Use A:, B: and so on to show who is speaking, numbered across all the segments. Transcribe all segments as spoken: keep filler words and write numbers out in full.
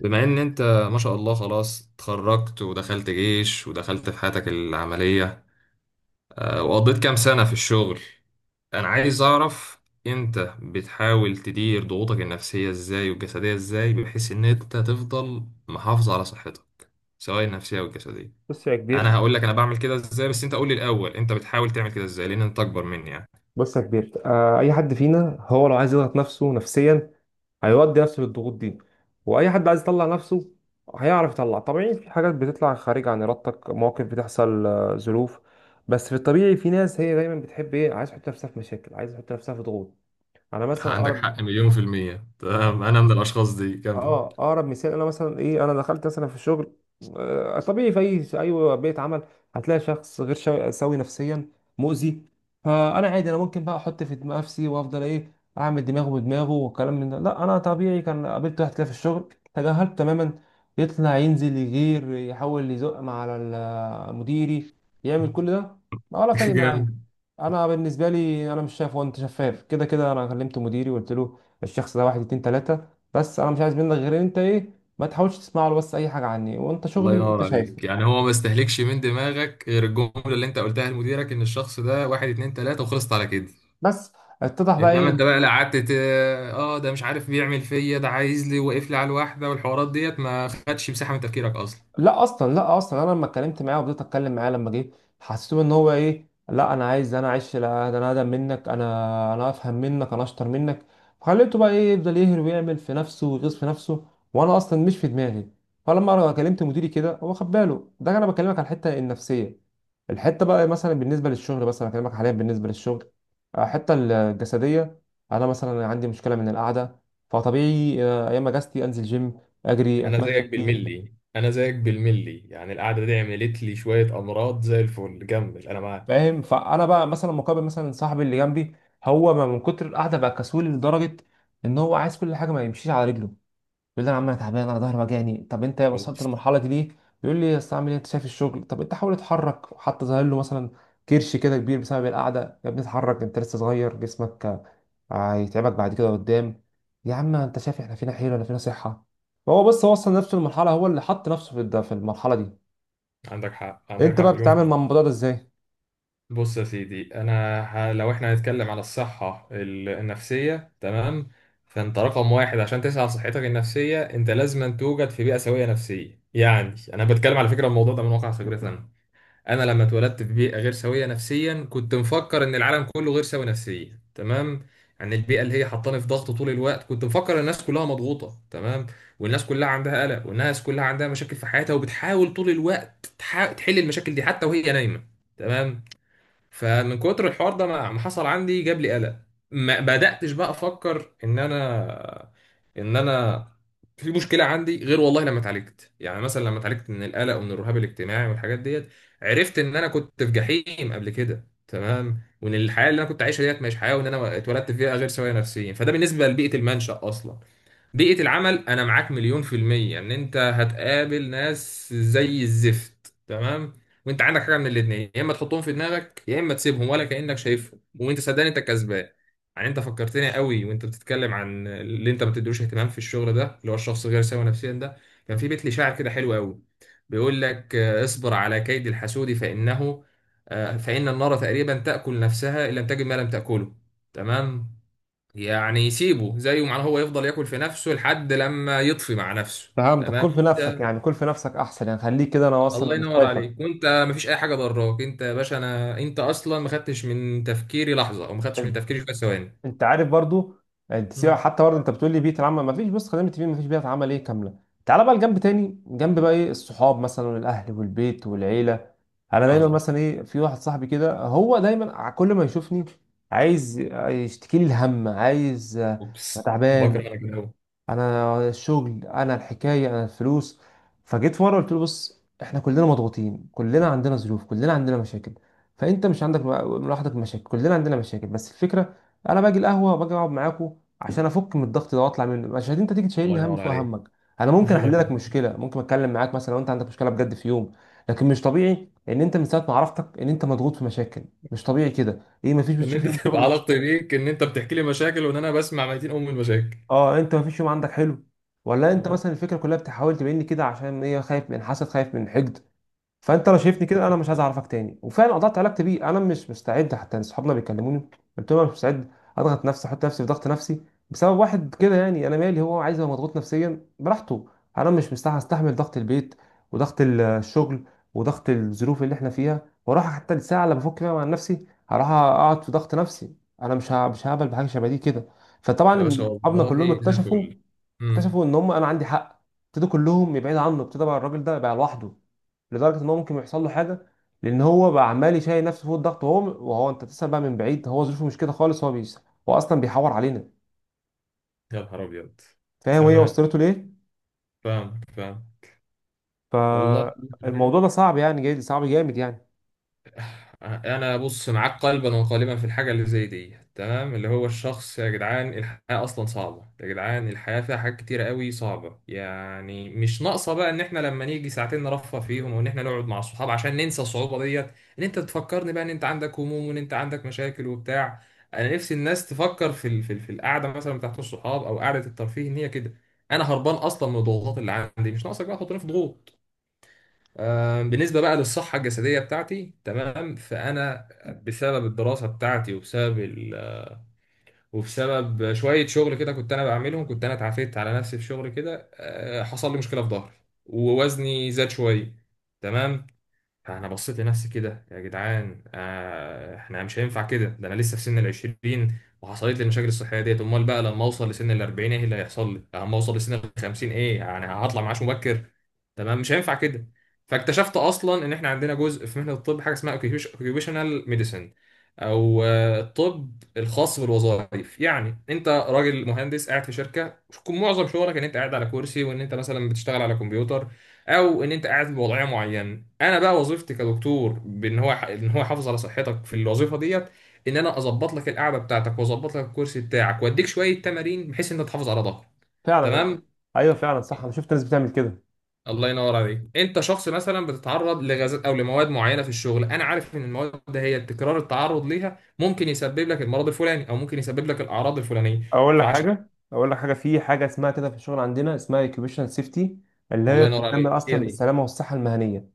A: بما ان انت ما شاء الله خلاص اتخرجت ودخلت جيش ودخلت في حياتك العملية، آه، وقضيت كام سنة في الشغل. انا عايز اعرف انت بتحاول تدير ضغوطك النفسية ازاي والجسدية ازاي بحيث ان انت تفضل محافظ على صحتك، سواء النفسية او الجسدية.
B: بص يا
A: انا
B: كبير
A: هقول لك انا بعمل كده ازاي، بس انت قول لي الاول انت بتحاول تعمل كده ازاي لان انت اكبر مني يعني.
B: بص يا كبير آه اي حد فينا هو لو عايز يضغط نفسه نفسيا هيودي نفسه للضغوط دي، واي حد عايز يطلع نفسه هيعرف يطلع طبيعي. في حاجات بتطلع خارج عن ارادتك، مواقف بتحصل، آه، ظروف. بس في الطبيعي في ناس هي دايما بتحب ايه، عايز تحط نفسها في مشاكل، عايز تحط نفسها في ضغوط. انا مثلا
A: عندك حق
B: اقرب
A: مليون في المية، تمام، انا من الاشخاص دي، كمل.
B: اه اقرب مثال انا مثلا ايه، انا دخلت مثلا في الشغل. آه، طبيعي في اي في اي بيئه عمل هتلاقي شخص غير شا- سوي نفسيا، مؤذي. فانا عادي انا ممكن بقى احط في دماغ نفسي وافضل ايه، اعمل دماغه بدماغه والكلام من ده. لا انا طبيعي كان قابلت واحد كده في الشغل، تجاهلته تماما. يطلع ينزل يغير يحاول يزق مع على ال- مديري، يعمل كل ده، ولا فارق معايا.
A: جامد.
B: انا بالنسبه لي انا مش شايف، هو انت شفاف كده كده. انا كلمت مديري وقلت له الشخص ده واحد اتنين تلاته، بس انا مش عايز منك غير إن انت ايه، ما تحاولش تسمع له بس اي حاجه عني، وانت
A: الله
B: شغلي انت
A: ينور
B: شايفه.
A: عليك، يعني هو ما استهلكش من دماغك غير الجمله اللي انت قلتها لمديرك ان الشخص ده واحد اتنين تلاته وخلصت على كده.
B: بس اتضح بقى
A: انما انت
B: ايه،
A: بقى لا، قعدت ت- اه آه، ده مش عارف بيعمل فيا، ده عايز لي واقف لي على الواحده، والحوارات ديت ما خدش مساحه من تفكيرك اصلا.
B: لا اصلا لا اصلا، انا لما اتكلمت معاه وفضلت اتكلم معاه لما جه حسيته ان هو ايه، لا انا عايز انا اعيش، لا ده انا اقدم منك، انا انا افهم منك، انا اشطر منك. خليته بقى ايه، يفضل يهر ويعمل في نفسه ويغيظ في نفسه، وانا اصلا مش في دماغي. فلما انا كلمت مديري كده هو خد باله. ده انا بكلمك على الحته النفسيه، الحته بقى مثلا بالنسبه للشغل، بس انا بكلمك حاليا بالنسبه للشغل. آه، الحته الجسديه، انا مثلا عندي مشكله من القعده. فطبيعي آه، ايام اجازتي انزل جيم، اجري،
A: انا
B: اتمشى
A: زيك
B: كتير.
A: بالملي، انا زيك بالملي، يعني القعده دي عملت لي شويه امراض زي الفل، جمل، انا معاك.
B: فاهم؟ فانا بقى مثلا مقابل مثلا صاحبي اللي جنبي، هو ما من كتر القعده بقى كسول لدرجه ان هو عايز كل حاجه ما يمشيش على رجله. يقول لي انا عم، انا تعبان، انا ظهري وجعني. طب انت وصلت
A: اوبس.
B: للمرحله دي ليه؟ يقول لي اصل اعمل ايه انت شايف الشغل. طب انت حاول اتحرك، وحتى ظاهر له مثلا كرش كده كبير بسبب القعده، يا ابني اتحرك انت لسه صغير، جسمك هيتعبك بعد كده قدام. يا عم انت شايف احنا فينا حيل ولا فينا صحه؟ فهو بس وصل نفسه للمرحله، هو اللي حط نفسه في الد- في المرحله دي.
A: عندك حق، عندك
B: انت
A: حق
B: بقى بتتعامل
A: مليون.
B: مع الموضوع ده ازاي؟
A: بص يا سيدي انا ه... لو احنا هنتكلم على الصحة ال- النفسية، تمام، فانت رقم واحد عشان تسعى على صحتك النفسية انت لازم أن توجد في بيئة سوية نفسيا. يعني انا بتكلم على فكرة الموضوع ده من واقع خبرتي انا. انا لما اتولدت في بيئة غير سوية نفسيا كنت مفكر ان العالم كله غير سوي نفسيا، تمام. يعني البيئة اللي هي حطاني في ضغط طول الوقت كنت مفكر ان الناس كلها مضغوطة، تمام. والناس كلها عندها قلق، والناس كلها عندها مشاكل في حياتها، وبتحاول طول الوقت تح... تحل المشاكل دي حتى وهي نايمة. تمام. فمن كتر الحوار ده ما ما حصل عندي، جاب لي قلق. ما بدأتش بقى افكر ان انا ان انا في مشكله عندي غير والله لما اتعالجت، يعني مثلا لما اتعالجت من القلق ومن الرهاب الاجتماعي والحاجات ديت عرفت ان انا كنت في جحيم قبل كده، تمام، وان الحياه اللي انا كنت عايشها ديت مش حياه، وان انا اتولدت فيها غير سويه نفسيا. فده بالنسبه لبيئه المنشأ اصلا. بيئة العمل أنا معاك مليون في المية إن أنت هتقابل ناس زي الزفت، تمام، وانت عندك حاجه من الاثنين، يا اما تحطهم في دماغك يا اما تسيبهم ولا كانك شايفهم، وانت صدقني انت كسبان. يعني انت فكرتني قوي وانت بتتكلم عن اللي انت ما بتديلوش اهتمام في الشغل ده اللي هو الشخص غير سوي نفسيا ده. كان في بيت لي شاعر كده حلو قوي، بيقول لك آه، اصبر على كيد الحسود فانه، آه، فان النار تقريبا تاكل نفسها ان لم تجد ما لم تاكله. تمام. يعني سيبه زيه، معناه هو يفضل ياكل في نفسه لحد لما يطفي مع نفسه.
B: فهمتك،
A: تمام.
B: كل في نفسك يعني، كل في نفسك احسن يعني، خليك كده انا اصلا
A: الله
B: مش
A: ينور
B: شايفك.
A: عليك. وانت مفيش اي حاجه ضراك، انت يا باشا انا انت اصلا ما خدتش من تفكيري لحظه او ما خدتش من
B: طيب.
A: تفكيري شويه ثواني.
B: انت عارف برضو، انت سيبك
A: مم.
B: حتى برضو، انت بتقول لي بيئه العمل ما فيش، بص خلينا متفقين ما فيش بيئه عمل ايه كامله. تعالى بقى لجنب تاني، جنب بقى ايه الصحاب مثلا والاهل والبيت والعيله. انا دايما
A: عظمه.
B: مثلا ايه، في واحد صاحبي كده هو دايما ع- كل ما يشوفني عايز يشتكي لي الهم، عايز آه، أنا
A: اوبس، بكره
B: تعبان،
A: انا كده أوي.
B: انا الشغل، انا الحكايه، انا الفلوس. فجيت في مره قلت له بص، احنا كلنا مضغوطين، كلنا عندنا ظروف، كلنا عندنا مشاكل. فانت مش عندك لوحدك مشاكل، كلنا عندنا مشاكل. بس الفكره انا باجي القهوه، باجي اقعد معاكوا عشان افك من الضغط ده واطلع منه، مش عشان انت تيجي
A: الله
B: تشيلني هم
A: ينور
B: فوق
A: عليك.
B: همك. انا ممكن
A: الله
B: احل
A: ينور.
B: لك مشكله، ممكن اتكلم معاك مثلا لو انت عندك مشكله بجد في يوم، لكن مش طبيعي ان انت من ساعه ما عرفتك ان انت مضغوط في مشاكل. مش طبيعي كده ايه، مفيش
A: ان
B: بتشوف
A: انت
B: يوم
A: تبقى
B: شغل،
A: علاقتي بيك ان انت بتحكي لي مشاكل وان انا بسمع ميتين ام المشاكل.
B: اه انت مفيش يوم عندك حلو؟ ولا انت
A: آه.
B: مثلا الفكره كلها بتحاول تبين لي كده عشان ايه، خايف من حسد، خايف من حقد؟ فانت لو شايفني كده انا مش عايز اعرفك تاني. وفعلا قطعت علاقتي بيه، انا مش مستعد. حتى اصحابنا بيكلموني قلت لهم انا مش مستعد اضغط نفسي، احط نفسي في ضغط نفسي بسبب واحد كده. يعني انا مالي، هو عايز يبقى مضغوط نفسيا براحته. انا مش مستحمل استحمل ضغط البيت وضغط ال- الشغل وضغط الظروف اللي احنا فيها، واروح حتى الساعه اللي بفك فيها مع نفسي هروح اقعد في ضغط نفسي. انا مش ه- مش هقبل بحاجه شبه دي كده.
A: يا باشا،
B: فطبعا اصحابنا
A: والله
B: كلهم
A: زي
B: اكتشفوا،
A: الفل. امم
B: اكتشفوا ان هم انا عندي حق. ابتدوا كلهم يبعدوا عنه، ابتدى بقى الراجل ده بقى لوحده لدرجه ان هو ممكن يحصل له حاجه، لان هو بقى عمال يشيل نفسه فوق الضغط. وهو وهو انت تسال بقى من بعيد هو ظروفه مش كده خالص، هو بيس، هو اصلا بيحور علينا.
A: يا نهار ابيض.
B: فاهم هي
A: تمام.
B: وصلته ليه؟
A: فاهمك، فاهم. والله
B: فالموضوع ده صعب يعني، جاي صعب جامد يعني.
A: انا بص معاك قلبا وقالبا في الحاجه اللي زي دي، تمام، اللي هو الشخص يا جدعان الحياه اصلا صعبه، يا جدعان الحياه فيها حاجات كتيره قوي صعبه، يعني مش ناقصه بقى ان احنا لما نيجي ساعتين نرفه فيهم وان احنا نقعد مع الصحاب عشان ننسى الصعوبه ديت، ان انت تفكرني بقى ان انت عندك هموم وان انت عندك مشاكل وبتاع. انا نفسي الناس تفكر في ال- في ال- في القعده مثلا بتاعت الصحاب او قعده الترفيه ان هي كده. انا هربان اصلا من الضغوطات اللي عندي، مش ناقصك بقى تحطني في ضغوط. آم، بالنسبة بقى للصحة الجسدية بتاعتي، تمام، فأنا بسبب الدراسة بتاعتي وبسبب ال... وبسبب شوية شغل كده كنت أنا بعملهم، كنت أنا اتعافيت على نفسي في شغل كده، آه، حصل لي مشكلة في ظهري، ووزني زاد شوية. تمام. فانا بصيت لنفسي كده، يا جدعان آه احنا مش هينفع كده، ده انا لسه في سن العشرين وحصلت لي المشاكل الصحيه ديت، امال بقى لما اوصل لسن الاربعين ايه اللي هيحصل لي، لما اوصل لسن الخمسين ايه، يعني هطلع معاش مبكر؟ تمام، مش هينفع كده. فاكتشفت اصلا ان احنا عندنا جزء في مهنه الطب حاجه اسمها اوكيوبيشنال ميديسن، او آه، الطب الخاص بالوظائف. يعني انت راجل مهندس قاعد في شركه، معظم شغلك ان انت قاعد على كرسي وان انت مثلا بتشتغل على كمبيوتر، او ان انت قاعد في وضعيه معينه. انا بقى وظيفتي كدكتور بان هو ان هو يحافظ على صحتك في الوظيفه ديت، ان انا اظبط لك القعده بتاعتك واظبط لك الكرسي بتاعك واديك شويه تمارين بحيث ان انت تحافظ على ظهرك.
B: فعلا انا
A: تمام.
B: ايوه فعلا صح، انا شفت ناس بتعمل كده.
A: الله ينور عليك. انت شخص مثلا بتتعرض لغازات او لمواد معينه في الشغل، انا عارف ان المواد ده هي تكرار التعرض ليها ممكن يسبب لك المرض الفلاني او ممكن يسبب لك الاعراض الفلانيه،
B: اقول لك
A: فعشان.
B: حاجه اقول لك حاجه في حاجه اسمها كده في الشغل عندنا، اسمها اوكيوبيشنال سيفتي، اللي هي
A: الله ينور
B: بتتعمل
A: عليك، هي
B: اصلا
A: دي.
B: بالسلامه والصحه المهنيه.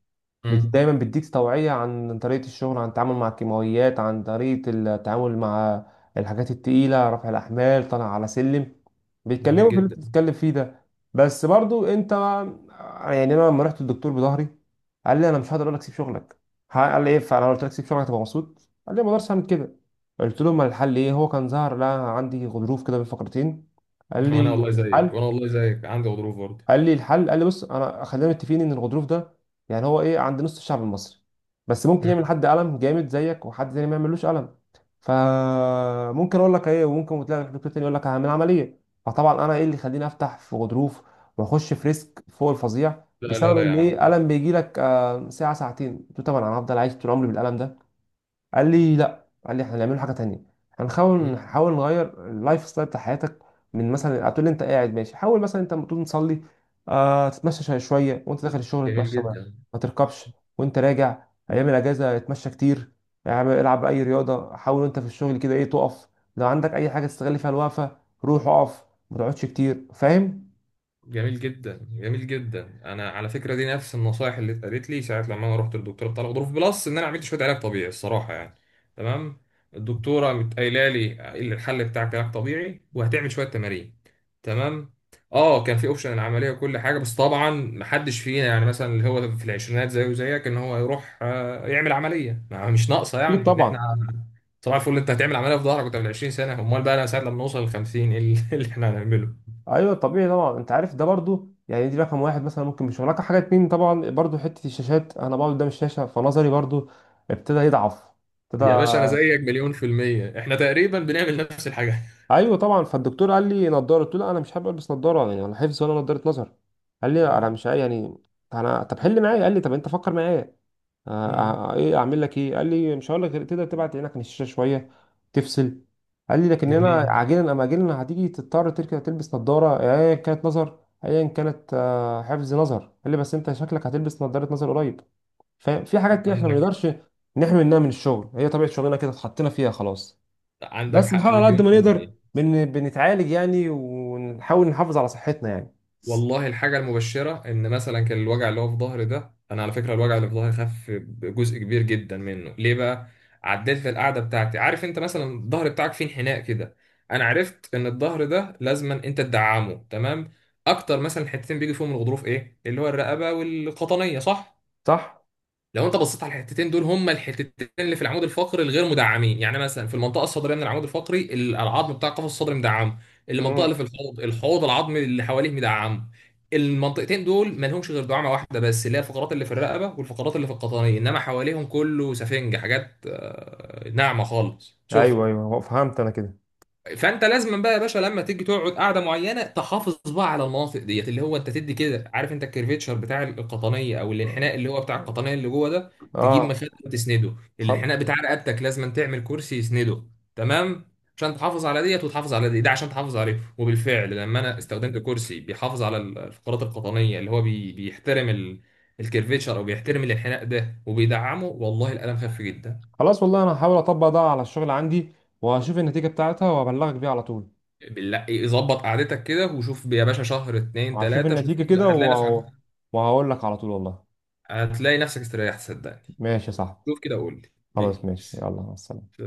B: بت-
A: مم.
B: دايما بيديك توعية عن طريقة الشغل، عن التعامل مع الكيماويات، عن طريقة التعامل مع الحاجات التقيلة، رفع الأحمال، طالع على سلم.
A: جميل
B: بيتكلموا في اللي
A: جدا.
B: انت بتتكلم فيه ده. بس برضو انت يعني، انا لما رحت للدكتور بظهري قال لي انا مش هقدر اقول لك سيب شغلك. ها- قال لي ايه؟ فانا قلت لك سيب شغلك تبقى مبسوط. قال لي ما اقدرش اعمل كده. قلت له ما الحل ايه؟ هو كان ظهر لا عندي غضروف كده بين فقرتين. قال
A: وانا
B: لي
A: والله زيك،
B: الحل
A: وانا والله زيك عندي غضروف برضه.
B: قال لي الحل قال لي بص انا خلينا متفقين ان الغضروف ده، يعني هو ايه، عند نص الشعب المصري، بس ممكن يعمل حد قلم جامد زيك، وحد تاني ما يعملوش قلم. فممكن اقول لك ايه، وممكن تلاقي دكتور تاني يقول لك هعمل عمليه. فطبعا انا ايه اللي يخليني افتح في غضروف واخش في ريسك فوق الفظيع
A: لا لا
B: بسبب
A: لا يا
B: ان ايه
A: عم لا.
B: قلم بيجي لك آه، ساعه ساعتين؟ قلت له طبعا انا هفضل عايش طول عمري بالقلم ده. قال لي لا، قال لي احنا هنعمله حاجه تانية، هنحاول
A: مم.
B: نحاول نغير اللايف ستايل بتاع حياتك. من مثلا هتقول لي انت قاعد ماشي، حاول مثلا انت لما تقوم تصلي آه تتمشى شويه شوية، وانت داخل الشغل
A: جميل
B: اتمشى بقى،
A: جدا،
B: ما تركبش وانت راجع. ايام الاجازه اتمشى كتير. اعمل- العب اي رياضه. حاول وانت في الشغل كده ايه تقف، لو عندك اي حاجه تستغل فيها الوقفه روح اقف، ما تقعدش كتير. فاهم؟
A: جميل جدا، جميل جدا، انا على فكره دي نفس النصايح اللي اتقالت لي ساعه لما انا رحت للدكتوره بتاع الغضروف، بلس ان انا عملت شويه علاج طبيعي الصراحه يعني. تمام. الدكتوره قامت قايله لي اللي الحل بتاعك علاج طبيعي وهتعمل شويه تمارين. تمام. اه كان في اوبشن العمليه وكل حاجه، بس طبعا محدش فينا يعني مثلا اللي هو في العشرينات زيه وزيك ان هو يروح آه، يعمل عمليه، ما- مش ناقصه
B: اكيد
A: يعني ان احنا
B: طبعا.
A: صباح الفل انت هتعمل عمليه في ظهرك وانت من عشرين سنه، امال بقى انا ساعه لما نوصل ل خمسين ايه اللي اللي احنا هنعمله؟
B: ايوه طبيعي طبعا. انت عارف ده برضو، يعني دي رقم واحد مثلا. ممكن مش رقم حاجه اتنين طبعا برضو، حته الشاشات، انا بقعد قدام الشاشه فنظري برضو ابتدى يضعف، ابتدى.
A: يا باشا انا زيك مليون في الميه، احنا تقريبا بنعمل نفس الحاجه.
B: ايوه طبعا. فالدكتور قال لي نضاره، قلت له لا انا مش حابب البس نضاره يعني، ولا حفظ ولا نضاره نظر. قال لي انا
A: آه،
B: مش عاي- يعني انا طب حل معايا. قال لي طب انت فكر معايا، آه،
A: امم
B: آه، ايه اعمل لك ايه؟ قال لي مش هقول لك غير تقدر تبعد عينك عن الشاشه شويه، تفصل. قال لي لكن هنا
A: جميل.
B: عاجلا ام اجلا هتيجي تضطر تركب تلبس نظاره، ايا كانت نظر، ايا كانت آه، حفظ نظر. قال لي بس انت شكلك هتلبس نظاره نظر قريب. ففي حاجات كده احنا ما
A: عندك،
B: نقدرش نحمي منها من الشغل، هي طبيعه شغلنا كده اتحطينا فيها خلاص.
A: عندك
B: بس
A: حق
B: نحاول على قد
A: مليون
B: ما
A: في
B: نقدر
A: الميه.
B: بن... بنتعالج يعني، ونحاول نحافظ على صحتنا يعني.
A: والله الحاجة المبشرة إن مثلا كان الوجع اللي هو في ظهري ده، أنا على فكرة الوجع اللي في ظهري خف بجزء كبير جدا منه، ليه بقى؟ عدلت القعدة بتاعتي. عارف أنت مثلا الظهر بتاعك فيه انحناء كده؟ أنا عرفت إن الظهر ده لازما أنت تدعمه، تمام؟ أكتر مثلا حتتين بيجي فيهم الغضروف إيه؟ اللي هو الرقبة والقطنية، صح؟
B: صح؟
A: لو انت بصيت على الحتتين دول هما الحتتين اللي في العمود الفقري الغير مدعمين. يعني مثلا في المنطقه الصدريه من العمود الفقري ال- العظم بتاع القفص الصدري مدعم، المنطقه اللي
B: مم.
A: في الحوض، الحوض العظمي اللي حواليه مدعم. المنطقتين دول ما لهمش غير دعامه واحده بس، اللي هي الفقرات اللي في الرقبه والفقرات اللي في القطنيه، انما حواليهم كله سفنج، حاجات آه، ناعمه خالص، شوف.
B: ايوه ايوه هو فهمت انا كده.
A: فانت لازم بقى يا باشا لما تيجي تقعد قعده معينه تحافظ بقى على المناطق ديت، اللي هو انت تدي كده، عارف انت الكرفيتشر بتاع القطنيه او الانحناء اللي هو بتاع القطنيه اللي جوه ده، تجيب
B: اه
A: مخده وتسنده.
B: خلاص.
A: الانحناء بتاع رقبتك لازم تعمل كرسي يسنده. تمام. عشان تحافظ على ديت وتحافظ على دي، ده عشان تحافظ عليه. وبالفعل لما انا استخدمت كرسي بيحافظ على الفقرات القطنيه اللي هو بي... بيحترم ال... الكرفيتشر، او بيحترم الانحناء ده وبيدعمه، والله الالم خف جدا.
B: خلاص والله انا هحاول اطبق ده على الشغل عندي، وهشوف النتيجه بتاعتها وابلغك بيها على طول.
A: بالله يظبط قعدتك كده وشوف يا باشا، شهر اتنين
B: هشوف
A: تلاتة شوف
B: النتيجه كده
A: هتلاقي نفسك.
B: و... وهقول لك على طول والله.
A: هتلاقي نفسك استريحت، صدقني.
B: ماشي يا صاحبي.
A: شوف كده وقول لي
B: خلاص ماشي،
A: بيس.
B: يلا مع السلامه.